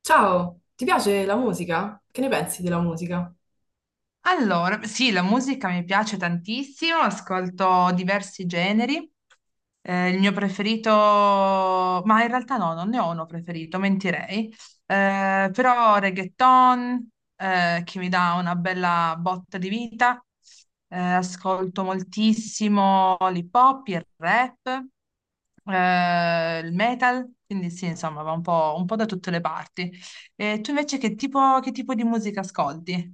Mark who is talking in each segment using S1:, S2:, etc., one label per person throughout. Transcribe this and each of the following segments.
S1: Ciao, ti piace la musica? Che ne pensi della musica?
S2: Allora, sì, la musica mi piace tantissimo, ascolto diversi generi. Il mio preferito, ma in realtà no, non ne ho uno preferito, mentirei. Però reggaeton, che mi dà una bella botta di vita. Ascolto moltissimo l'hip hop, il rap, il metal, quindi sì, insomma, va un po' da tutte le parti. E tu invece che tipo di musica ascolti?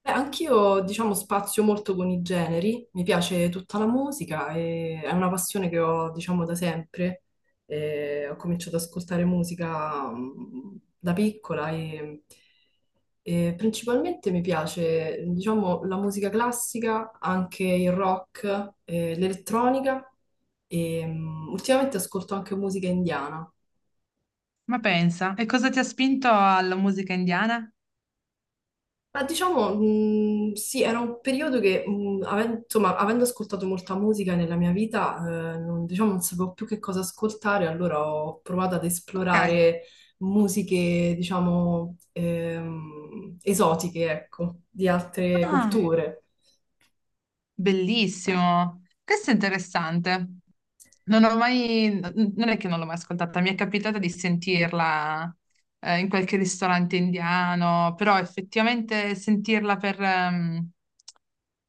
S1: Beh, anch'io, diciamo, spazio molto con i generi, mi piace tutta la musica e è una passione che ho, diciamo, da sempre. Ho cominciato ad ascoltare musica da piccola e, principalmente mi piace, diciamo, la musica classica, anche il rock, l'elettronica e ultimamente ascolto anche musica indiana.
S2: Ma pensa, e cosa ti ha spinto alla musica indiana?
S1: Ma diciamo, sì, era un periodo che, insomma, avendo ascoltato molta musica nella mia vita, non, diciamo, non sapevo più che cosa ascoltare, allora ho provato ad
S2: Ok,
S1: esplorare musiche, diciamo, esotiche, ecco, di altre
S2: ah,
S1: culture.
S2: bellissimo. Questo è interessante. Non è che non l'ho mai ascoltata, mi è capitata di sentirla in qualche ristorante indiano, però effettivamente sentirla per,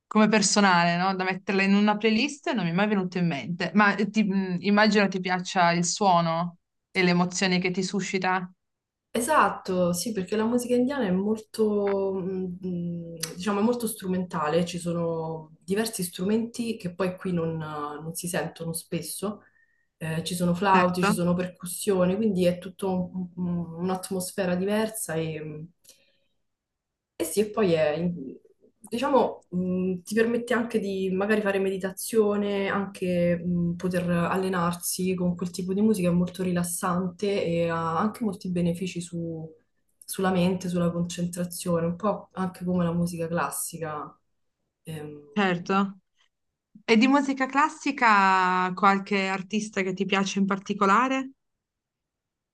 S2: come personale, no? Da metterla in una playlist non mi è mai venuto in mente. Ma immagino ti piaccia il suono e le emozioni che ti suscita.
S1: Esatto, sì, perché la musica indiana è molto, diciamo, è molto strumentale, ci sono diversi strumenti che poi qui non si sentono spesso. Ci sono flauti,
S2: Certo,
S1: ci sono percussioni, quindi è tutta un'atmosfera diversa e sì, e diciamo, ti permette anche di magari fare meditazione, anche poter allenarsi con quel tipo di musica, è molto rilassante e ha anche molti benefici sulla mente, sulla concentrazione, un po' anche come la musica classica. Ehm,
S2: certo. E di musica classica qualche artista che ti piace in particolare?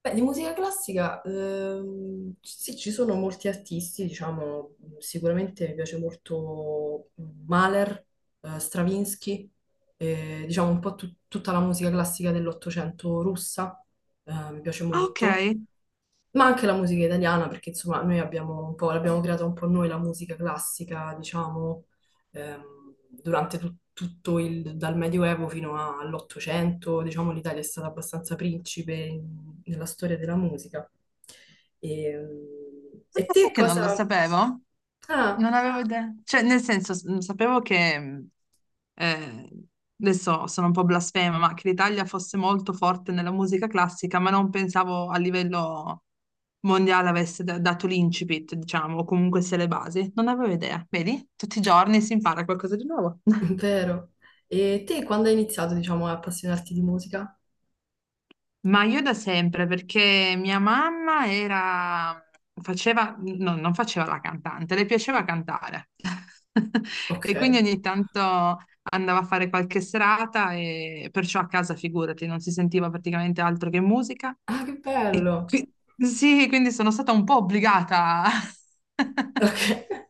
S1: Beh, di musica classica, sì, ci sono molti artisti, diciamo, sicuramente mi piace molto Mahler, Stravinsky, diciamo un po' tutta la musica classica dell'Ottocento russa, mi piace
S2: Ah, ok.
S1: molto ma anche la musica italiana, perché insomma noi abbiamo un po', l'abbiamo creata un po' noi la musica classica, diciamo, durante tutto il, dal Medioevo fino all'Ottocento, diciamo l'Italia è stata abbastanza principe nella storia della musica. E
S2: Ah, sai
S1: te
S2: che non lo
S1: cosa...
S2: sapevo?
S1: Ah,
S2: Non avevo idea. Cioè, nel senso, sapevo che, eh, adesso sono un po' blasfema, ma che l'Italia fosse molto forte nella musica classica, ma non pensavo a livello mondiale avesse dato l'incipit, diciamo, o comunque sia le basi. Non avevo idea. Vedi? Tutti i giorni si impara qualcosa di nuovo.
S1: vero. E te quando hai iniziato, diciamo, a appassionarti di musica?
S2: Ma io da sempre, perché faceva, no, non faceva la cantante, le piaceva cantare. E
S1: Ok.
S2: quindi ogni tanto andava a fare qualche serata e perciò a casa, figurati, non si sentiva praticamente altro che musica.
S1: Ah, che
S2: E
S1: bello!
S2: qui- sì, quindi sono stata un po' obbligata
S1: Ok.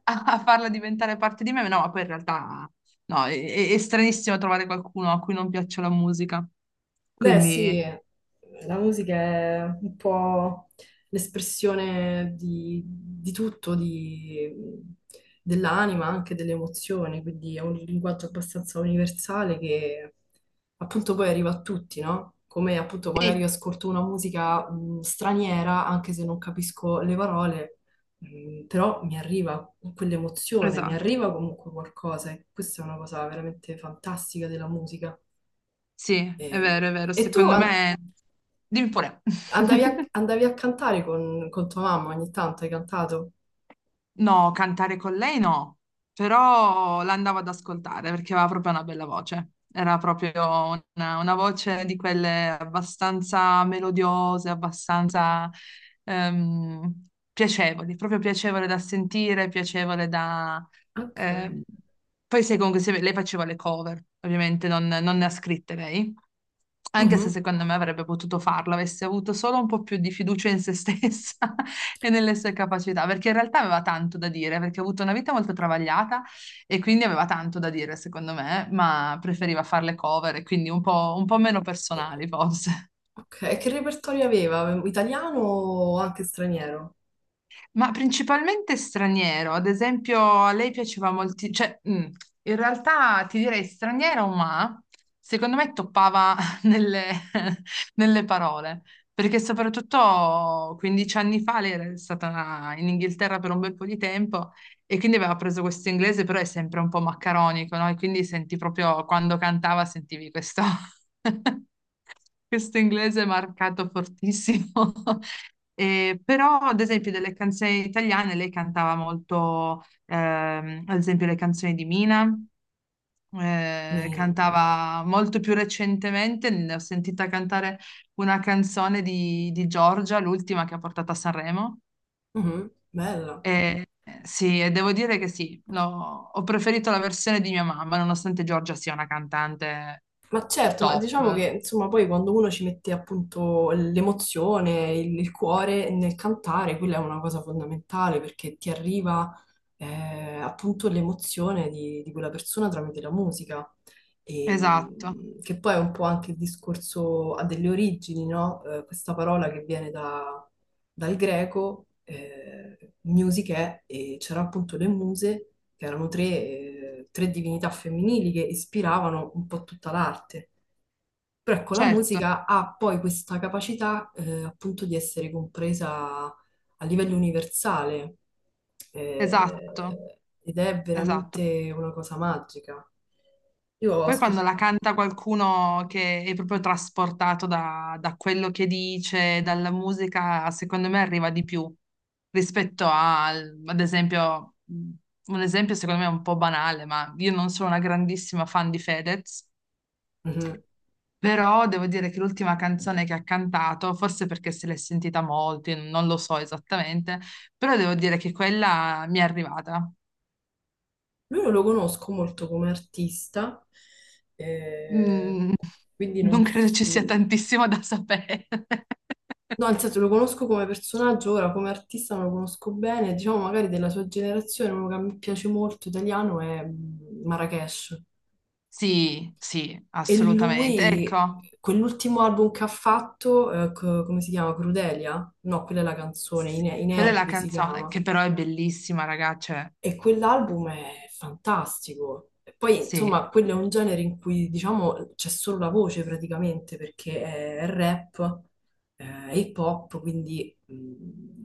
S2: a farla diventare parte di me, no, ma no, poi in realtà no, è stranissimo trovare qualcuno a cui non piaccia la musica.
S1: Beh,
S2: Quindi
S1: sì, la musica è un po' l'espressione di tutto, dell'anima, anche delle emozioni, quindi è un linguaggio abbastanza universale che appunto poi arriva a tutti, no? Come appunto magari io
S2: sì,
S1: ascolto una musica straniera, anche se non capisco le parole, però mi arriva quell'emozione, mi
S2: esatto.
S1: arriva comunque qualcosa e questa è una cosa veramente fantastica della musica.
S2: Sì,
S1: E,
S2: è vero,
S1: e tu,
S2: secondo
S1: an-
S2: me... Dimmi pure.
S1: Andavi a, andavi a cantare con tua mamma ogni tanto, hai cantato?
S2: No, cantare con lei no, però l'andavo ad ascoltare perché aveva proprio una bella voce. Era proprio una voce di quelle abbastanza melodiose, abbastanza piacevoli, proprio piacevole da sentire, piacevole da...
S1: Ok.
S2: ehm. Poi se comunque se- lei faceva le cover, ovviamente non, non ne ha scritte lei, anche se
S1: Mhm.
S2: secondo me avrebbe potuto farlo, avesse avuto solo un po' più di fiducia in se stessa e nelle sue capacità, perché in realtà aveva tanto da dire, perché ha avuto una vita molto travagliata e quindi aveva tanto da dire, secondo me, ma preferiva fare le cover e quindi un po' meno personali, forse.
S1: Ok, e che repertorio aveva? Italiano o anche straniero?
S2: Ma principalmente straniero, ad esempio a lei piaceva molti, cioè in realtà ti direi straniero, ma secondo me toppava nelle, nelle parole, perché soprattutto 15 anni fa lei era stata in Inghilterra per un bel po' di tempo e quindi aveva preso questo inglese, però è sempre un po' maccaronico, no? E quindi senti proprio quando cantava sentivi questo. Questo inglese è marcato fortissimo. Però, ad esempio, delle canzoni italiane lei cantava molto, ad esempio, le canzoni di Mina,
S1: Mina, bella.
S2: cantava molto più recentemente, ne ho sentita cantare una canzone di Giorgia, l'ultima che ha portato a Sanremo.
S1: Mhm. Bella.
S2: Eh, sì, e devo dire che sì, ho preferito la versione di mia mamma, nonostante Giorgia sia una cantante
S1: Ma certo, ma diciamo che
S2: top.
S1: insomma poi quando uno ci mette appunto l'emozione, il cuore nel cantare, quella è una cosa fondamentale perché ti arriva appunto l'emozione di quella persona tramite la musica, e,
S2: Esatto,
S1: che poi è un po' anche il discorso ha delle origini, no? Questa parola che viene da, dal greco, musiche, e c'erano appunto le muse, che erano tre, tre divinità femminili che ispiravano un po' tutta l'arte. Però ecco, la
S2: certo,
S1: musica ha poi questa capacità, appunto di essere compresa a livello universale,
S2: esatto.
S1: ed è
S2: Esatto.
S1: veramente una cosa magica. Io ho
S2: Poi quando
S1: ascoltato...
S2: la canta qualcuno che è proprio trasportato da, da quello che dice, dalla musica, secondo me arriva di più rispetto al, ad esempio, un esempio secondo me è un po' banale, ma io non sono una grandissima fan di Fedez, però devo dire che l'ultima canzone che ha cantato, forse perché se l'è sentita molto, io non lo so esattamente, però devo dire che quella mi è arrivata.
S1: Lui non lo conosco molto come artista, eh,
S2: Mm,
S1: quindi non...
S2: non credo
S1: s-
S2: ci sia tantissimo da sapere.
S1: no, nel senso lo conosco come personaggio, ora come artista non lo conosco bene, diciamo magari della sua generazione, uno che mi piace molto italiano è Marrakesh.
S2: Sì, sì,
S1: E
S2: assolutamente.
S1: lui,
S2: Ecco,
S1: quell'ultimo album che ha fatto, come si chiama? Crudelia? No, quella è la canzone,
S2: sì,
S1: I
S2: quella è la
S1: Nervi si
S2: canzone,
S1: chiama.
S2: che però è bellissima, ragazze. Cioè,
S1: E quell'album è fantastico. E poi,
S2: sì,
S1: insomma, quello è un genere in cui, diciamo, c'è solo la voce praticamente, perché è rap, hip hop, quindi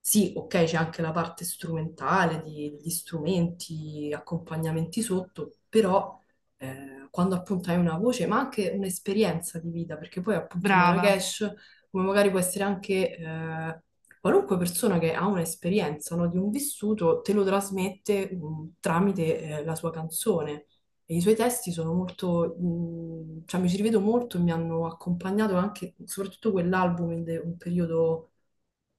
S1: sì, ok, c'è anche la parte strumentale degli strumenti, accompagnamenti sotto, però quando appunto hai una voce, ma anche un'esperienza di vita, perché poi appunto
S2: brava.
S1: Marrakesh, come magari può essere anche... qualunque persona che ha un'esperienza, no, di un vissuto te lo trasmette tramite la sua canzone e i suoi testi sono molto, cioè mi ci rivedo molto, e mi hanno accompagnato anche, soprattutto quell'album un periodo,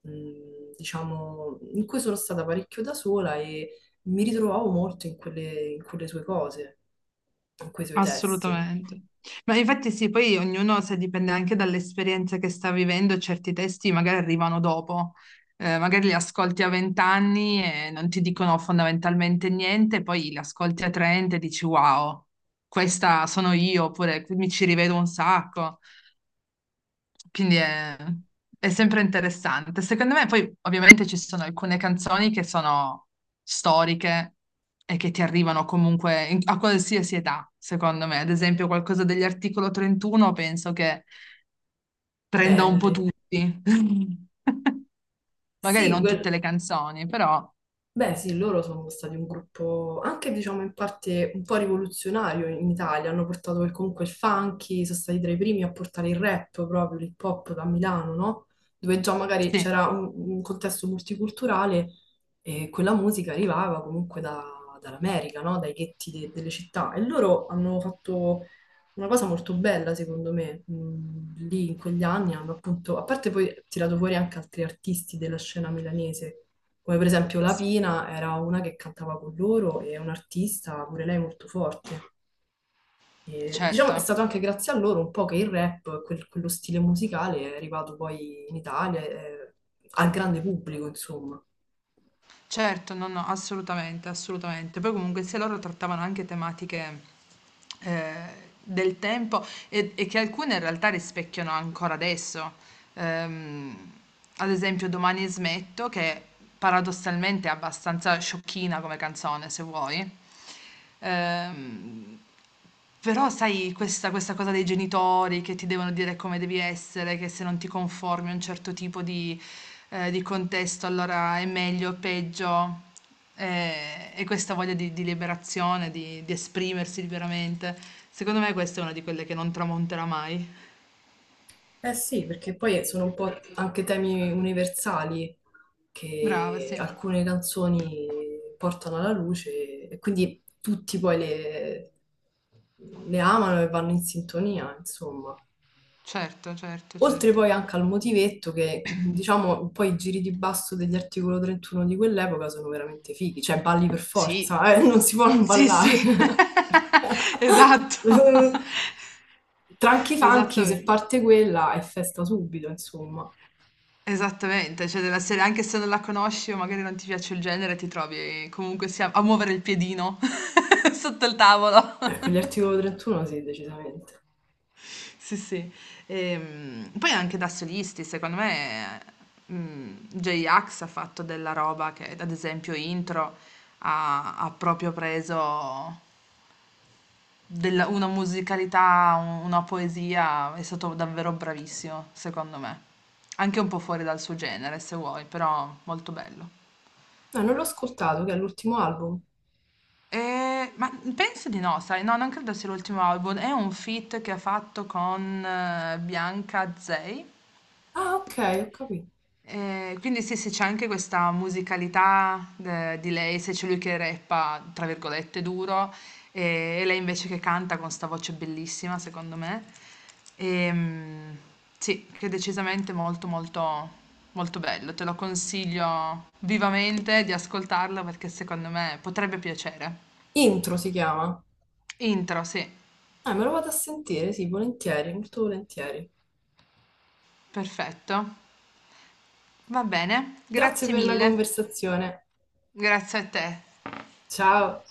S1: diciamo, in cui sono stata parecchio da sola e mi ritrovavo molto in quelle sue cose, in quei suoi testi.
S2: Assolutamente. Ma infatti sì, poi ognuno, se dipende anche dall'esperienza che sta vivendo, certi testi magari arrivano dopo. Magari li ascolti a 20 anni e non ti dicono fondamentalmente niente, poi li ascolti a 30 e dici wow, questa sono io, oppure mi ci rivedo un sacco. Quindi è, è sempre interessante. Secondo me, poi ovviamente ci sono alcune canzoni che sono storiche e che ti arrivano comunque a qualsiasi età, secondo me. Ad esempio, qualcosa degli articolo 31 penso che prenda un po'
S1: Belli.
S2: tutti. Magari
S1: Sì,
S2: non tutte
S1: quel-
S2: le canzoni, però
S1: Beh, sì, loro sono stati un gruppo anche, diciamo, in parte un po' rivoluzionario in Italia. Hanno portato comunque il funky, sono stati tra i primi a portare il rap, proprio l'hip hop da Milano, no? Dove già magari
S2: sì.
S1: c'era un contesto multiculturale e quella musica arrivava dall'America, no? Dai ghetti delle città. E loro hanno fatto una cosa molto bella, secondo me. Lì in quegli anni hanno appunto, a parte poi tirato fuori anche altri artisti della scena milanese come per esempio la
S2: Sì,
S1: Pina era una che cantava con loro e è un'artista, pure lei molto forte. E, diciamo
S2: certo.
S1: è stato anche grazie a loro un po' che il rap, quello stile musicale, è arrivato poi in Italia, al grande pubblico, insomma.
S2: Certo, no, no, assolutamente, assolutamente. Poi comunque sia loro trattavano anche tematiche eh, del tempo e che alcune in realtà rispecchiano ancora adesso. Ehm, Ad esempio, Domani smetto, che paradossalmente è abbastanza sciocchina come canzone, se vuoi. Ehm, Però, sai, questa cosa dei genitori che ti devono dire come devi essere, che se non ti conformi a un certo tipo di contesto, allora è meglio o peggio. Eh, Questa voglia di liberazione, di esprimersi liberamente, secondo me questa è una di quelle che non tramonterà mai.
S1: Eh sì, perché poi sono un po' anche temi universali
S2: Brava,
S1: che
S2: sì.
S1: alcune canzoni portano alla luce e quindi tutti poi le amano e vanno in sintonia, insomma.
S2: Certo, certo,
S1: Oltre
S2: certo.
S1: poi anche al motivetto che, diciamo, poi i giri di basso degli articolo 31 di quell'epoca sono veramente fighi, cioè balli per
S2: Sì.
S1: forza, non si può non
S2: Sì,
S1: ballare.
S2: sì, esatto,
S1: Tranchi Funky, se
S2: esattamente,
S1: parte quella, è festa subito, insomma.
S2: esattamente, cioè della serie, anche se non la conosci o magari non ti piace il genere, ti trovi comunque sia a muovere il piedino sotto il tavolo.
S1: Ecco, gli articolo 31 sì, decisamente.
S2: Sì, sì. Poi anche da solisti, secondo me, J-Ax ha fatto della roba che, ad esempio, Intro ha proprio preso Della una musicalità, u una poesia, è stato davvero bravissimo, secondo me. Anche un po' fuori dal suo genere, se vuoi, però molto bello.
S1: Ah, non l'ho ascoltato, che è l'ultimo album.
S2: E... Ma penso di no, sai, no, non credo sia l'ultimo album. È un feat che ha fatto con Bianca Zey.
S1: Ah, ok, ho capito.
S2: Quindi sì, sì, c'è anche questa musicalità de di lei, se c'è lui che "rappa" tra virgolette duro, e lei invece che canta con 'sta voce bellissima secondo me. Ehm, sì, che è decisamente molto bello. Te lo consiglio vivamente di ascoltarlo perché secondo me potrebbe piacere.
S1: Intro si chiama.
S2: Intro, sì,
S1: Ah, me lo vado a sentire, sì, volentieri, molto volentieri.
S2: perfetto. Va bene,
S1: Grazie
S2: grazie
S1: per la
S2: mille.
S1: conversazione.
S2: Grazie a te.
S1: Ciao.